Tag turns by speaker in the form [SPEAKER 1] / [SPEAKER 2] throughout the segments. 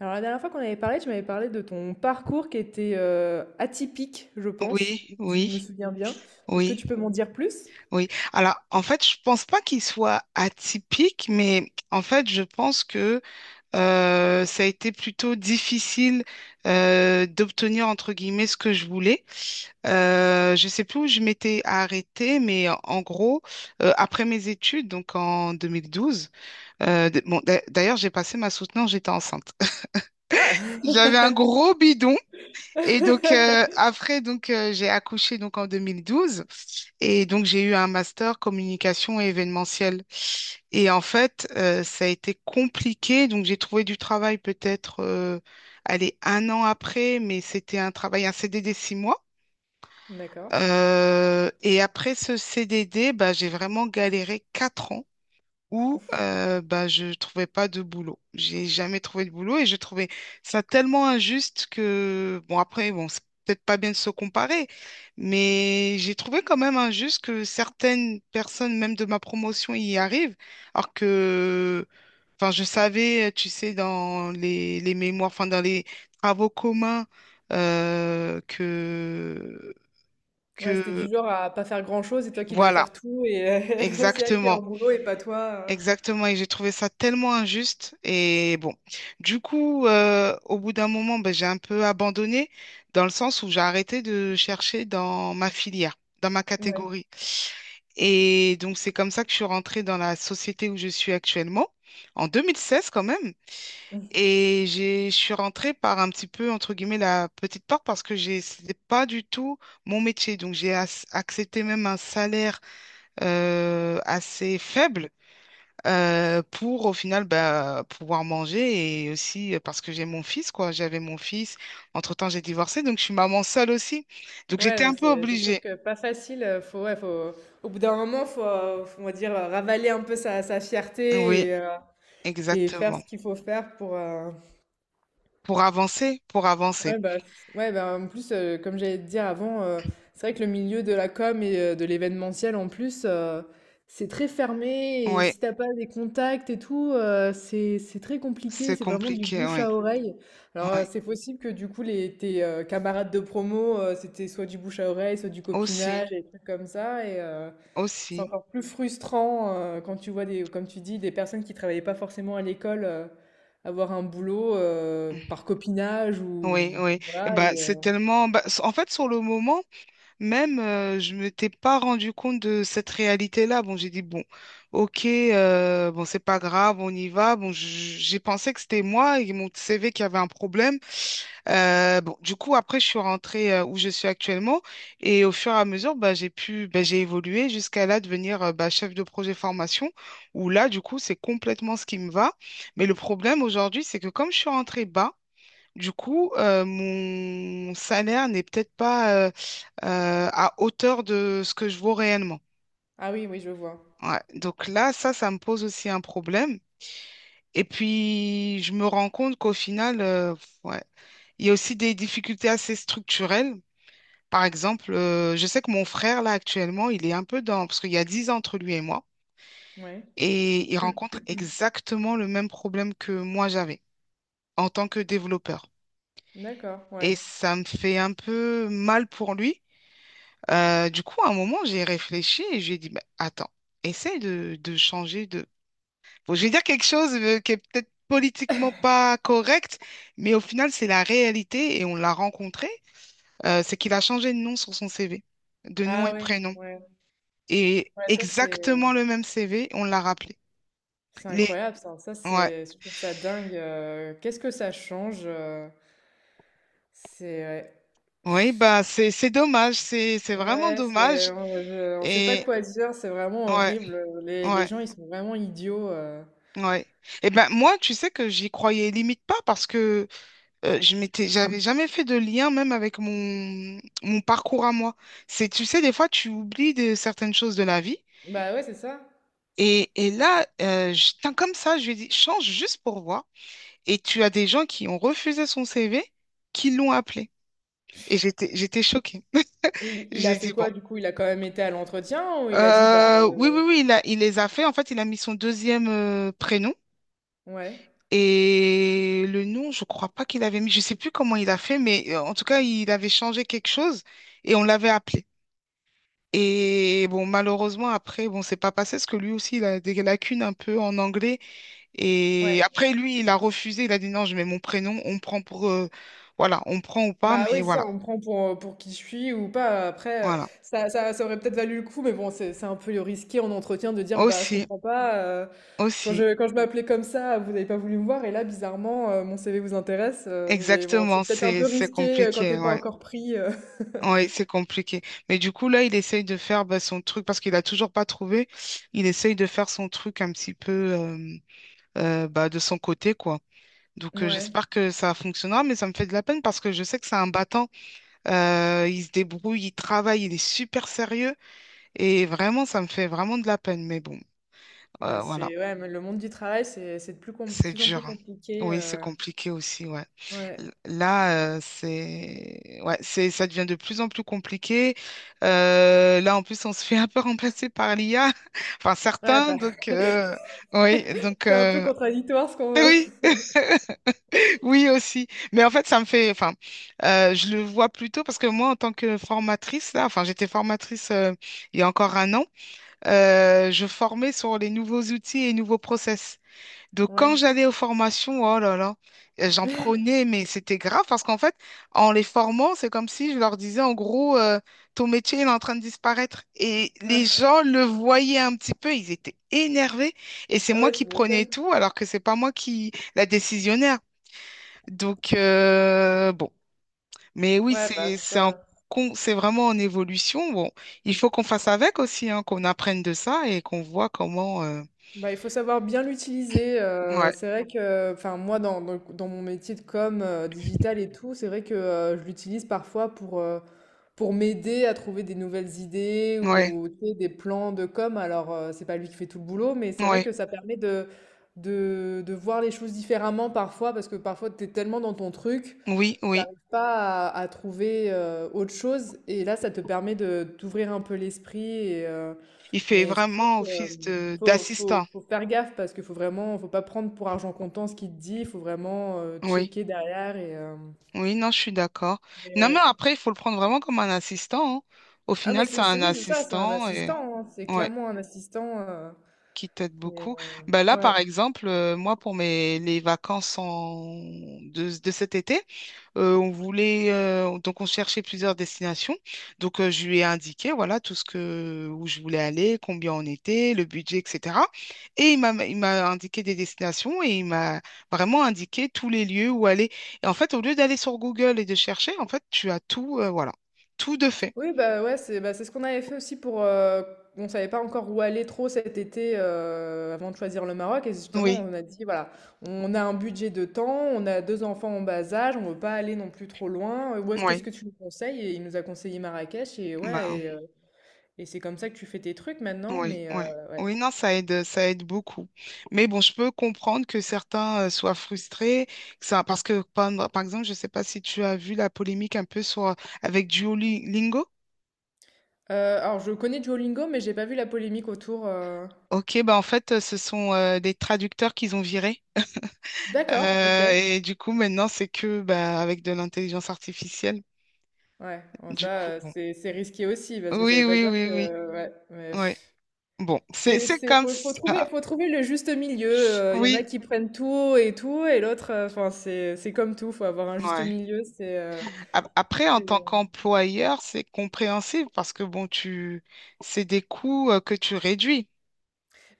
[SPEAKER 1] Alors la dernière fois qu'on avait parlé, tu m'avais parlé de ton parcours qui était atypique, je pense,
[SPEAKER 2] Oui,
[SPEAKER 1] si je
[SPEAKER 2] oui,
[SPEAKER 1] me souviens bien. Est-ce que
[SPEAKER 2] oui,
[SPEAKER 1] tu peux m'en dire plus?
[SPEAKER 2] oui. Alors, en fait, je pense pas qu'il soit atypique, mais en fait, je pense que ça a été plutôt difficile d'obtenir, entre guillemets, ce que je voulais. Je sais plus où je m'étais arrêtée, mais en gros, après mes études, donc en 2012, d'ailleurs, j'ai passé ma soutenance, j'étais enceinte.
[SPEAKER 1] Ah!
[SPEAKER 2] J'avais un gros bidon. Et donc après donc j'ai accouché donc en 2012, et donc j'ai eu un master communication et événementiel. Et en fait, ça a été compliqué. Donc j'ai trouvé du travail peut-être, allez, 1 an après, mais c'était un travail, un CDD 6 mois.
[SPEAKER 1] D'accord.
[SPEAKER 2] Et après ce CDD, bah, j'ai vraiment galéré 4 ans où bah, je trouvais pas de boulot. J'ai jamais trouvé de boulot et je trouvais ça tellement injuste que, bon, après, bon, c'est peut-être pas bien de se comparer, mais j'ai trouvé quand même injuste que certaines personnes, même de ma promotion, y arrivent, alors que, enfin, je savais, tu sais, dans les mémoires, enfin, dans les travaux communs, euh, que,
[SPEAKER 1] Ouais, c'était
[SPEAKER 2] que,
[SPEAKER 1] du genre à pas faire grand-chose et toi qui devais
[SPEAKER 2] voilà,
[SPEAKER 1] faire tout c'est elle qui est
[SPEAKER 2] exactement.
[SPEAKER 1] en boulot et pas toi.
[SPEAKER 2] Exactement, et j'ai trouvé ça tellement injuste. Et bon, du coup, au bout d'un moment, ben, j'ai un peu abandonné dans le sens où j'ai arrêté de chercher dans ma filière, dans ma
[SPEAKER 1] euh. Ouais.
[SPEAKER 2] catégorie. Et donc, c'est comme ça que je suis rentrée dans la société où je suis actuellement, en 2016 quand même. Je suis rentrée par un petit peu, entre guillemets, la petite porte parce que c'était pas du tout mon métier. Donc, j'ai accepté même un salaire assez faible, pour au final, bah, pouvoir manger et aussi, parce que j'ai mon fils, quoi. J'avais mon fils. Entre-temps, j'ai divorcé, donc je suis maman seule aussi. Donc
[SPEAKER 1] Ouais,
[SPEAKER 2] j'étais
[SPEAKER 1] non,
[SPEAKER 2] un peu
[SPEAKER 1] c'est sûr
[SPEAKER 2] obligée.
[SPEAKER 1] que pas facile. Au bout d'un moment, on va dire, ravaler un peu sa
[SPEAKER 2] Oui,
[SPEAKER 1] fierté et et faire
[SPEAKER 2] exactement.
[SPEAKER 1] ce qu'il faut faire pour.
[SPEAKER 2] Pour avancer, pour avancer.
[SPEAKER 1] Ouais, bah, en plus, comme j'allais te dire avant, c'est vrai que le milieu de la com et de l'événementiel, en plus, c'est très fermé. Et
[SPEAKER 2] Oui,
[SPEAKER 1] si t'as pas des contacts et tout, c'est très compliqué.
[SPEAKER 2] c'est
[SPEAKER 1] C'est vraiment du
[SPEAKER 2] compliqué,
[SPEAKER 1] bouche à
[SPEAKER 2] oui.
[SPEAKER 1] oreille. Alors,
[SPEAKER 2] Oui,
[SPEAKER 1] c'est possible que du coup, tes camarades de promo, c'était soit du bouche à oreille, soit du
[SPEAKER 2] aussi,
[SPEAKER 1] copinage, et des trucs comme ça. C'est
[SPEAKER 2] aussi.
[SPEAKER 1] encore plus frustrant quand tu vois des, comme tu dis, des personnes qui travaillaient pas forcément à l'école avoir un boulot par copinage
[SPEAKER 2] Oui,
[SPEAKER 1] ou
[SPEAKER 2] oui. Et
[SPEAKER 1] voilà.
[SPEAKER 2] ben, c'est tellement, bah, en fait, sur le moment. Même, je ne m'étais pas rendu compte de cette réalité-là. Bon, j'ai dit, bon, ok, bon, c'est pas grave, on y va. Bon, j'ai pensé que c'était moi et mon CV qui avait un problème. Bon, du coup, après, je suis rentrée où je suis actuellement, et au fur et à mesure, bah, j'ai pu, bah, j'ai évolué jusqu'à là devenir bah, chef de projet formation, où là, du coup, c'est complètement ce qui me va. Mais le problème aujourd'hui, c'est que comme je suis rentrée bas, du coup, mon salaire n'est peut-être pas à hauteur de ce que je vaux réellement.
[SPEAKER 1] Ah oui, oui, je vois.
[SPEAKER 2] Ouais. Donc là, ça me pose aussi un problème. Et puis, je me rends compte qu'au final, ouais, il y a aussi des difficultés assez structurelles. Par exemple, je sais que mon frère, là, actuellement, il est un peu dans... Parce qu'il y a 10 ans entre lui et moi,
[SPEAKER 1] Ouais.
[SPEAKER 2] et il rencontre exactement le même problème que moi j'avais en tant que développeur.
[SPEAKER 1] D'accord.
[SPEAKER 2] Et
[SPEAKER 1] Ouais.
[SPEAKER 2] ça me fait un peu mal pour lui. Du coup, à un moment, j'ai réfléchi et j'ai dit, bah, attends, essaye de changer de... Bon, je vais dire quelque chose, qui est peut-être politiquement pas correct, mais au final, c'est la réalité et on l'a rencontré. C'est qu'il a changé de nom sur son CV, de nom
[SPEAKER 1] Ah
[SPEAKER 2] et
[SPEAKER 1] ouais.
[SPEAKER 2] prénom.
[SPEAKER 1] Ouais.
[SPEAKER 2] Et
[SPEAKER 1] Ouais,
[SPEAKER 2] exactement le même CV, on l'a rappelé.
[SPEAKER 1] c'est
[SPEAKER 2] Les...
[SPEAKER 1] incroyable ça.
[SPEAKER 2] Ouais.
[SPEAKER 1] Je trouve ça dingue. Qu'est-ce que ça change? C'est ouais.
[SPEAKER 2] Oui, bah, c'est dommage. C'est vraiment
[SPEAKER 1] Ouais,
[SPEAKER 2] dommage.
[SPEAKER 1] on sait pas
[SPEAKER 2] Et
[SPEAKER 1] quoi dire, c'est vraiment
[SPEAKER 2] ouais,
[SPEAKER 1] horrible. Les
[SPEAKER 2] ouais,
[SPEAKER 1] gens, ils sont vraiment idiots.
[SPEAKER 2] ouais. Et ben moi, tu sais que j'y croyais limite pas parce que j'avais jamais fait de lien même avec mon parcours à moi. C'est, tu sais, des fois, tu oublies de certaines choses de la vie.
[SPEAKER 1] Bah ouais, c'est ça.
[SPEAKER 2] Et là, tiens, comme ça, je lui ai dit, change juste pour voir. Et tu as des gens qui ont refusé son CV, qui l'ont appelé. Et j'étais choquée.
[SPEAKER 1] Il
[SPEAKER 2] J'ai
[SPEAKER 1] a
[SPEAKER 2] dit,
[SPEAKER 1] fait
[SPEAKER 2] bon,
[SPEAKER 1] quoi du coup? Il a quand même été à l'entretien ou il a dit
[SPEAKER 2] oui, oui, oui, il les a fait. En fait, il a mis son deuxième prénom.
[SPEAKER 1] ouais,
[SPEAKER 2] Et le nom, je crois pas qu'il avait mis, je sais plus comment il a fait, mais en tout cas, il avait changé quelque chose et on l'avait appelé. Et bon, malheureusement, après, bon, c'est pas passé parce que lui aussi, il a des lacunes un peu en anglais. Et
[SPEAKER 1] ouais.
[SPEAKER 2] après, lui, il a refusé. Il a dit non, je mets mon prénom, on prend pour, voilà, on prend ou pas,
[SPEAKER 1] Bah
[SPEAKER 2] mais
[SPEAKER 1] oui, c'est ça,
[SPEAKER 2] voilà.
[SPEAKER 1] on me prend pour qui je suis ou pas. Après,
[SPEAKER 2] Voilà.
[SPEAKER 1] ça aurait peut-être valu le coup, mais bon, c'est un peu risqué en entretien de dire bah je
[SPEAKER 2] Aussi,
[SPEAKER 1] comprends pas. Quand
[SPEAKER 2] aussi.
[SPEAKER 1] quand je m'appelais comme ça, vous n'avez pas voulu me voir, et là, bizarrement, mon CV vous intéresse. Mais bon,
[SPEAKER 2] Exactement,
[SPEAKER 1] c'est peut-être un
[SPEAKER 2] c'est
[SPEAKER 1] peu
[SPEAKER 2] c'est
[SPEAKER 1] risqué quand
[SPEAKER 2] compliqué,
[SPEAKER 1] t'es pas
[SPEAKER 2] ouais.
[SPEAKER 1] encore pris.
[SPEAKER 2] Ouais, c'est compliqué. Mais du coup, là, il essaye de faire, bah, son truc parce qu'il a toujours pas trouvé. Il essaye de faire son truc un petit peu, bah, de son côté, quoi. Donc,
[SPEAKER 1] Ouais,
[SPEAKER 2] j'espère que ça fonctionnera, mais ça me fait de la peine parce que je sais que c'est un battant. Il se débrouille, il travaille, il est super sérieux. Et vraiment, ça me fait vraiment de la peine. Mais bon,
[SPEAKER 1] ouais,
[SPEAKER 2] voilà,
[SPEAKER 1] mais le monde du travail, c'est
[SPEAKER 2] c'est
[SPEAKER 1] plus en plus
[SPEAKER 2] dur, hein.
[SPEAKER 1] compliqué.
[SPEAKER 2] Oui, c'est
[SPEAKER 1] euh,
[SPEAKER 2] compliqué aussi, ouais.
[SPEAKER 1] Ouais,
[SPEAKER 2] Là, ouais, ça devient de plus en plus compliqué. Là, en plus, on se fait un peu remplacer par l'IA, enfin
[SPEAKER 1] ouais,
[SPEAKER 2] certains.
[SPEAKER 1] bah,
[SPEAKER 2] Donc, oui, donc,
[SPEAKER 1] c'est un peu contradictoire ce qu'on
[SPEAKER 2] oui. Oui aussi, mais en fait ça me fait, enfin, je le vois plutôt parce que moi en tant que formatrice là, enfin j'étais formatrice, il y a encore 1 an, je formais sur les nouveaux outils et les nouveaux process. Donc quand
[SPEAKER 1] Ouais.
[SPEAKER 2] j'allais aux formations, oh là là, j'en prenais, mais c'était grave parce qu'en fait en les formant, c'est comme si je leur disais en gros, ton métier il est en train de disparaître, et les gens le voyaient un petit peu, ils étaient énervés, et c'est
[SPEAKER 1] Ah
[SPEAKER 2] moi
[SPEAKER 1] ouais,
[SPEAKER 2] qui
[SPEAKER 1] tu
[SPEAKER 2] prenais
[SPEAKER 1] m'étonnes.
[SPEAKER 2] tout alors que c'est pas moi qui la décisionnaire. Donc, bon. Mais oui,
[SPEAKER 1] Ouais, bah,
[SPEAKER 2] c'est,
[SPEAKER 1] c'est
[SPEAKER 2] c'est en
[SPEAKER 1] ça.
[SPEAKER 2] con- c'est vraiment en évolution. Bon, il faut qu'on fasse avec aussi, hein, qu'on apprenne de ça et qu'on voit comment.
[SPEAKER 1] Bah, il faut savoir bien l'utiliser.
[SPEAKER 2] Ouais,
[SPEAKER 1] C'est vrai que, enfin, moi, dans mon métier de com, digital et tout, c'est vrai que je l'utilise parfois pour pour m'aider à trouver des nouvelles idées
[SPEAKER 2] ouais,
[SPEAKER 1] ou tu sais, des plans de com. Alors, c'est pas lui qui fait tout le boulot, mais c'est vrai
[SPEAKER 2] ouais.
[SPEAKER 1] que ça permet de voir les choses différemment parfois parce que parfois, t'es tellement dans ton truc.
[SPEAKER 2] Oui, oui.
[SPEAKER 1] J'arrive pas à trouver autre chose et là ça te permet de d'ouvrir un peu l'esprit.
[SPEAKER 2] Il fait
[SPEAKER 1] Mais c'est sûr
[SPEAKER 2] vraiment
[SPEAKER 1] que
[SPEAKER 2] office de d'assistant.
[SPEAKER 1] faut faire gaffe parce qu'il faut vraiment faut pas prendre pour argent comptant ce qu'il te dit, il faut vraiment
[SPEAKER 2] Oui,
[SPEAKER 1] checker derrière.
[SPEAKER 2] oui, non, je suis d'accord.
[SPEAKER 1] Mais
[SPEAKER 2] Non, mais
[SPEAKER 1] ouais.
[SPEAKER 2] après, il faut le prendre vraiment comme un assistant, hein. Au
[SPEAKER 1] Ah mais
[SPEAKER 2] final, c'est un
[SPEAKER 1] oui, c'est ça, c'est un
[SPEAKER 2] assistant et
[SPEAKER 1] assistant, hein, c'est
[SPEAKER 2] ouais,
[SPEAKER 1] clairement un assistant
[SPEAKER 2] qui t'aide
[SPEAKER 1] et,
[SPEAKER 2] beaucoup.
[SPEAKER 1] euh,
[SPEAKER 2] Ben là,
[SPEAKER 1] ouais.
[SPEAKER 2] par exemple, moi, pour mes les vacances en... de cet été. On voulait, donc on cherchait plusieurs destinations. Donc, je lui ai indiqué voilà tout ce que où je voulais aller, combien on était, le budget, etc. Et il m'a indiqué des destinations, et il m'a vraiment indiqué tous les lieux où aller. Et en fait, au lieu d'aller sur Google et de chercher, en fait, tu as tout, voilà, tout de fait.
[SPEAKER 1] Oui, bah, ouais, c'est bah, c'est ce qu'on avait fait aussi pour. On savait pas encore où aller trop cet été avant de choisir le Maroc. Et justement,
[SPEAKER 2] Oui,
[SPEAKER 1] on a dit, voilà, on a un budget de temps, on a deux enfants en bas âge, on veut pas aller non plus trop loin. Qu'est-ce
[SPEAKER 2] oui.
[SPEAKER 1] que tu nous conseilles? Et il nous a conseillé Marrakech. Et ouais, et c'est comme ça que tu fais tes trucs maintenant.
[SPEAKER 2] Oui, oui.
[SPEAKER 1] Ouais.
[SPEAKER 2] Oui, non, ça aide beaucoup. Mais bon, je peux comprendre que certains, soient frustrés, que ça, parce que, par exemple, je ne sais pas si tu as vu la polémique un peu sur, avec Duolingo.
[SPEAKER 1] Alors, je connais Duolingo, mais j'ai pas vu la polémique autour.
[SPEAKER 2] Ok, bah en fait, ce sont, des traducteurs qu'ils ont virés.
[SPEAKER 1] D'accord, ok.
[SPEAKER 2] Et du coup, maintenant, c'est que, bah, avec de l'intelligence artificielle.
[SPEAKER 1] Ouais, bon,
[SPEAKER 2] Du
[SPEAKER 1] ça,
[SPEAKER 2] coup, bon.
[SPEAKER 1] c'est risqué aussi, parce que ça
[SPEAKER 2] Oui,
[SPEAKER 1] veut pas
[SPEAKER 2] oui,
[SPEAKER 1] dire
[SPEAKER 2] oui, oui.
[SPEAKER 1] que. Ouais, mais.
[SPEAKER 2] Ouais. Bon, c'est c'est
[SPEAKER 1] C'est
[SPEAKER 2] comme
[SPEAKER 1] faut
[SPEAKER 2] ça.
[SPEAKER 1] faut trouver le juste milieu, il y en a
[SPEAKER 2] Oui,
[SPEAKER 1] qui prennent tout et tout et l'autre, enfin c'est comme tout, faut avoir un juste
[SPEAKER 2] ouais.
[SPEAKER 1] milieu,
[SPEAKER 2] Après, en
[SPEAKER 1] c'est,
[SPEAKER 2] tant
[SPEAKER 1] euh,
[SPEAKER 2] qu'employeur, c'est compréhensible parce que, bon, c'est des coûts, que tu réduis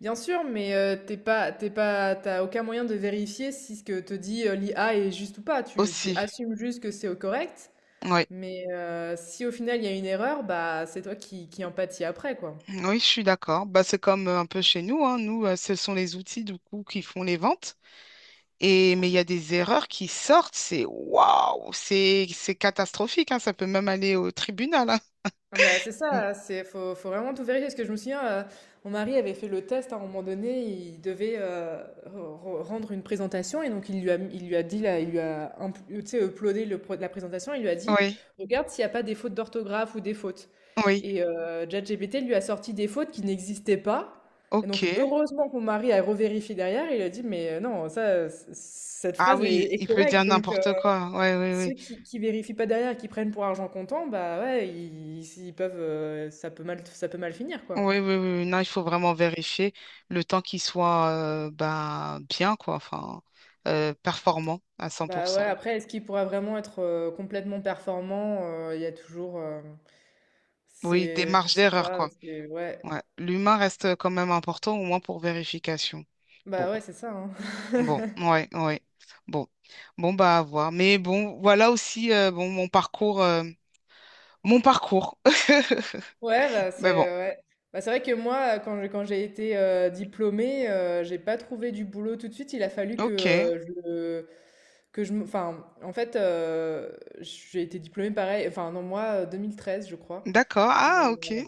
[SPEAKER 1] bien sûr, mais, tu pas t'es pas, t'as aucun moyen de vérifier si ce que te dit, l'IA est juste ou pas. Tu
[SPEAKER 2] aussi.
[SPEAKER 1] assumes juste que c'est, correct,
[SPEAKER 2] Oui,
[SPEAKER 1] mais, si au final il y a une erreur, bah, c'est toi qui en pâtis après, quoi.
[SPEAKER 2] oui, je suis d'accord. Bah, c'est comme, un peu chez nous, hein. Nous, ce sont les outils du coup qui font les ventes. Et mais il y a des erreurs qui sortent. C'est waouh, c'est catastrophique, hein. Ça peut même aller au tribunal, hein.
[SPEAKER 1] Bah, c'est
[SPEAKER 2] Mm.
[SPEAKER 1] ça, c'est faut, faut vraiment tout vérifier. Parce que je me souviens, mon mari avait fait le test hein, à un moment donné, il devait rendre une présentation et donc il lui a dit, là, il lui a tu sais, uploadé le la présentation, il lui a dit,
[SPEAKER 2] Oui,
[SPEAKER 1] regarde s'il n'y a pas des fautes d'orthographe ou des fautes.
[SPEAKER 2] oui,
[SPEAKER 1] Et ChatGPT lui a sorti des fautes qui n'existaient pas. Et donc
[SPEAKER 2] ok.
[SPEAKER 1] heureusement que mon mari a revérifié derrière, il a dit, mais non, ça, cette
[SPEAKER 2] Ah
[SPEAKER 1] phrase
[SPEAKER 2] oui,
[SPEAKER 1] est
[SPEAKER 2] il peut dire
[SPEAKER 1] correcte. Donc,
[SPEAKER 2] n'importe quoi. Oui,
[SPEAKER 1] ceux
[SPEAKER 2] oui,
[SPEAKER 1] qui vérifient pas derrière et qui prennent pour argent comptant, bah ouais, ils peuvent, ça peut mal finir quoi.
[SPEAKER 2] oui, oui, oui, oui. Non, il faut vraiment vérifier le temps qu'il soit, ben, bien, quoi, enfin, performant à
[SPEAKER 1] Bah ouais,
[SPEAKER 2] 100%.
[SPEAKER 1] après, est-ce qu'il pourra vraiment être complètement performant? Il y a toujours,
[SPEAKER 2] Oui, des
[SPEAKER 1] je
[SPEAKER 2] marges
[SPEAKER 1] sais
[SPEAKER 2] d'erreur,
[SPEAKER 1] pas,
[SPEAKER 2] quoi.
[SPEAKER 1] ouais,
[SPEAKER 2] Ouais. L'humain reste, quand même important, au moins pour vérification. Bon,
[SPEAKER 1] bah ouais, c'est ça. Hein.
[SPEAKER 2] bon, ouais, ouais. Bon, bon, bah, à voir. Mais bon, voilà aussi, bon, mon parcours. Mon parcours. Mais bon,
[SPEAKER 1] Ouais. Bah, c'est vrai que moi, quand j'ai été diplômée, j'ai pas trouvé du boulot tout de suite. Il a fallu que
[SPEAKER 2] ok,
[SPEAKER 1] je que je enfin en fait j'ai été diplômée pareil enfin non moi 2013 je crois.
[SPEAKER 2] d'accord.
[SPEAKER 1] Et,
[SPEAKER 2] Ah, ok.
[SPEAKER 1] euh,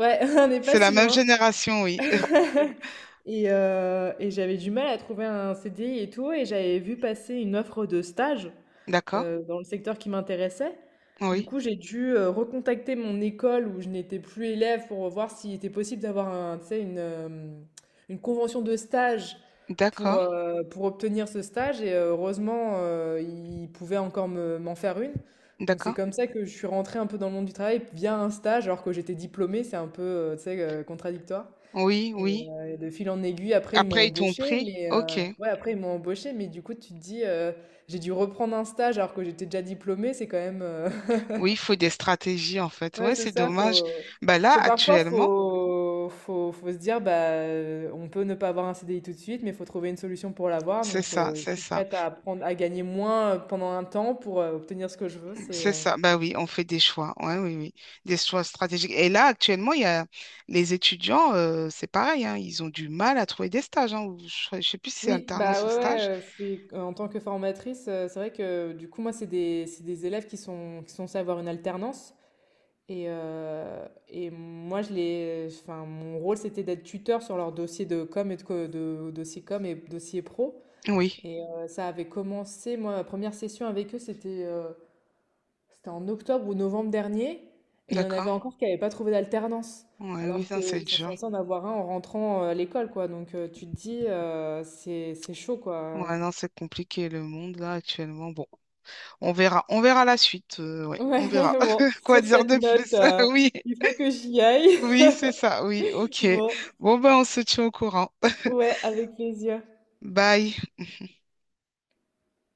[SPEAKER 1] ouais, on n'est pas
[SPEAKER 2] C'est la
[SPEAKER 1] si
[SPEAKER 2] même
[SPEAKER 1] loin
[SPEAKER 2] génération, oui.
[SPEAKER 1] et j'avais du mal à trouver un CDI et tout et j'avais vu passer une offre de stage
[SPEAKER 2] D'accord,
[SPEAKER 1] dans le secteur qui m'intéressait. Du
[SPEAKER 2] oui,
[SPEAKER 1] coup, j'ai dû, recontacter mon école où je n'étais plus élève pour voir s'il était possible d'avoir un tu sais, une convention de stage
[SPEAKER 2] d'accord,
[SPEAKER 1] pour obtenir ce stage et heureusement, ils pouvaient encore me m'en faire une. Donc c'est
[SPEAKER 2] d'accord.
[SPEAKER 1] comme ça que je suis rentrée un peu dans le monde du travail via un stage alors que j'étais diplômée, c'est un peu, tu sais, contradictoire.
[SPEAKER 2] Oui, oui.
[SPEAKER 1] Et de fil en aiguille, après, ils m'ont
[SPEAKER 2] Après, ils t'ont
[SPEAKER 1] embauché
[SPEAKER 2] pris? Ok.
[SPEAKER 1] ouais, après, ils m'ont embauché mais du coup, tu te dis, j'ai dû reprendre un stage alors que j'étais déjà diplômée, c'est quand même,
[SPEAKER 2] Oui, il faut des stratégies en fait.
[SPEAKER 1] ouais,
[SPEAKER 2] Ouais,
[SPEAKER 1] c'est
[SPEAKER 2] c'est
[SPEAKER 1] ça,
[SPEAKER 2] dommage.
[SPEAKER 1] faut
[SPEAKER 2] Bah là,
[SPEAKER 1] faut parfois,
[SPEAKER 2] actuellement,
[SPEAKER 1] faut se dire, bah, on peut ne pas avoir un CDI tout de suite, mais il faut trouver une solution pour l'avoir,
[SPEAKER 2] c'est
[SPEAKER 1] donc
[SPEAKER 2] ça,
[SPEAKER 1] je
[SPEAKER 2] c'est
[SPEAKER 1] suis
[SPEAKER 2] ça,
[SPEAKER 1] prête à apprendre à gagner moins, pendant un temps pour, obtenir ce que je veux, c'est,
[SPEAKER 2] c'est
[SPEAKER 1] heu
[SPEAKER 2] ça. Bah oui, on fait des choix. Ouais, oui, oui, des choix stratégiques. Et là, actuellement, il y a les étudiants, c'est pareil, hein, ils ont du mal à trouver des stages, hein, ou je ne sais plus si c'est
[SPEAKER 1] Oui, bah,
[SPEAKER 2] alternance ou
[SPEAKER 1] ouais,
[SPEAKER 2] stage.
[SPEAKER 1] ouais, je suis en tant que formatrice, c'est vrai que, du coup, moi, c'est des élèves qui sont censés avoir une alternance. Et moi, enfin, mon rôle, c'était d'être tuteur sur leur dossier de com et de dossier com et dossier pro.
[SPEAKER 2] Oui,
[SPEAKER 1] Et ça avait commencé, moi, ma première session avec eux, c'était en octobre ou novembre dernier. Et il y en
[SPEAKER 2] d'accord.
[SPEAKER 1] avait encore qui n'avaient pas trouvé d'alternance.
[SPEAKER 2] Ouais, oui,
[SPEAKER 1] Alors
[SPEAKER 2] ça, c'est
[SPEAKER 1] qu'ils sont
[SPEAKER 2] dur.
[SPEAKER 1] censés en avoir un en rentrant à l'école, quoi. Donc tu te dis, c'est chaud, quoi.
[SPEAKER 2] Ouais, non, c'est compliqué le monde là actuellement. Bon, on verra la suite. Ouais, on
[SPEAKER 1] Ouais,
[SPEAKER 2] verra.
[SPEAKER 1] bon,
[SPEAKER 2] Quoi
[SPEAKER 1] sur
[SPEAKER 2] dire
[SPEAKER 1] cette
[SPEAKER 2] de
[SPEAKER 1] note,
[SPEAKER 2] plus?
[SPEAKER 1] euh,
[SPEAKER 2] Oui.
[SPEAKER 1] il faut que j'y aille.
[SPEAKER 2] Oui, c'est ça. Oui, ok.
[SPEAKER 1] Bon,
[SPEAKER 2] Bon, ben, on se tient au courant.
[SPEAKER 1] ouais, avec plaisir.
[SPEAKER 2] Bye.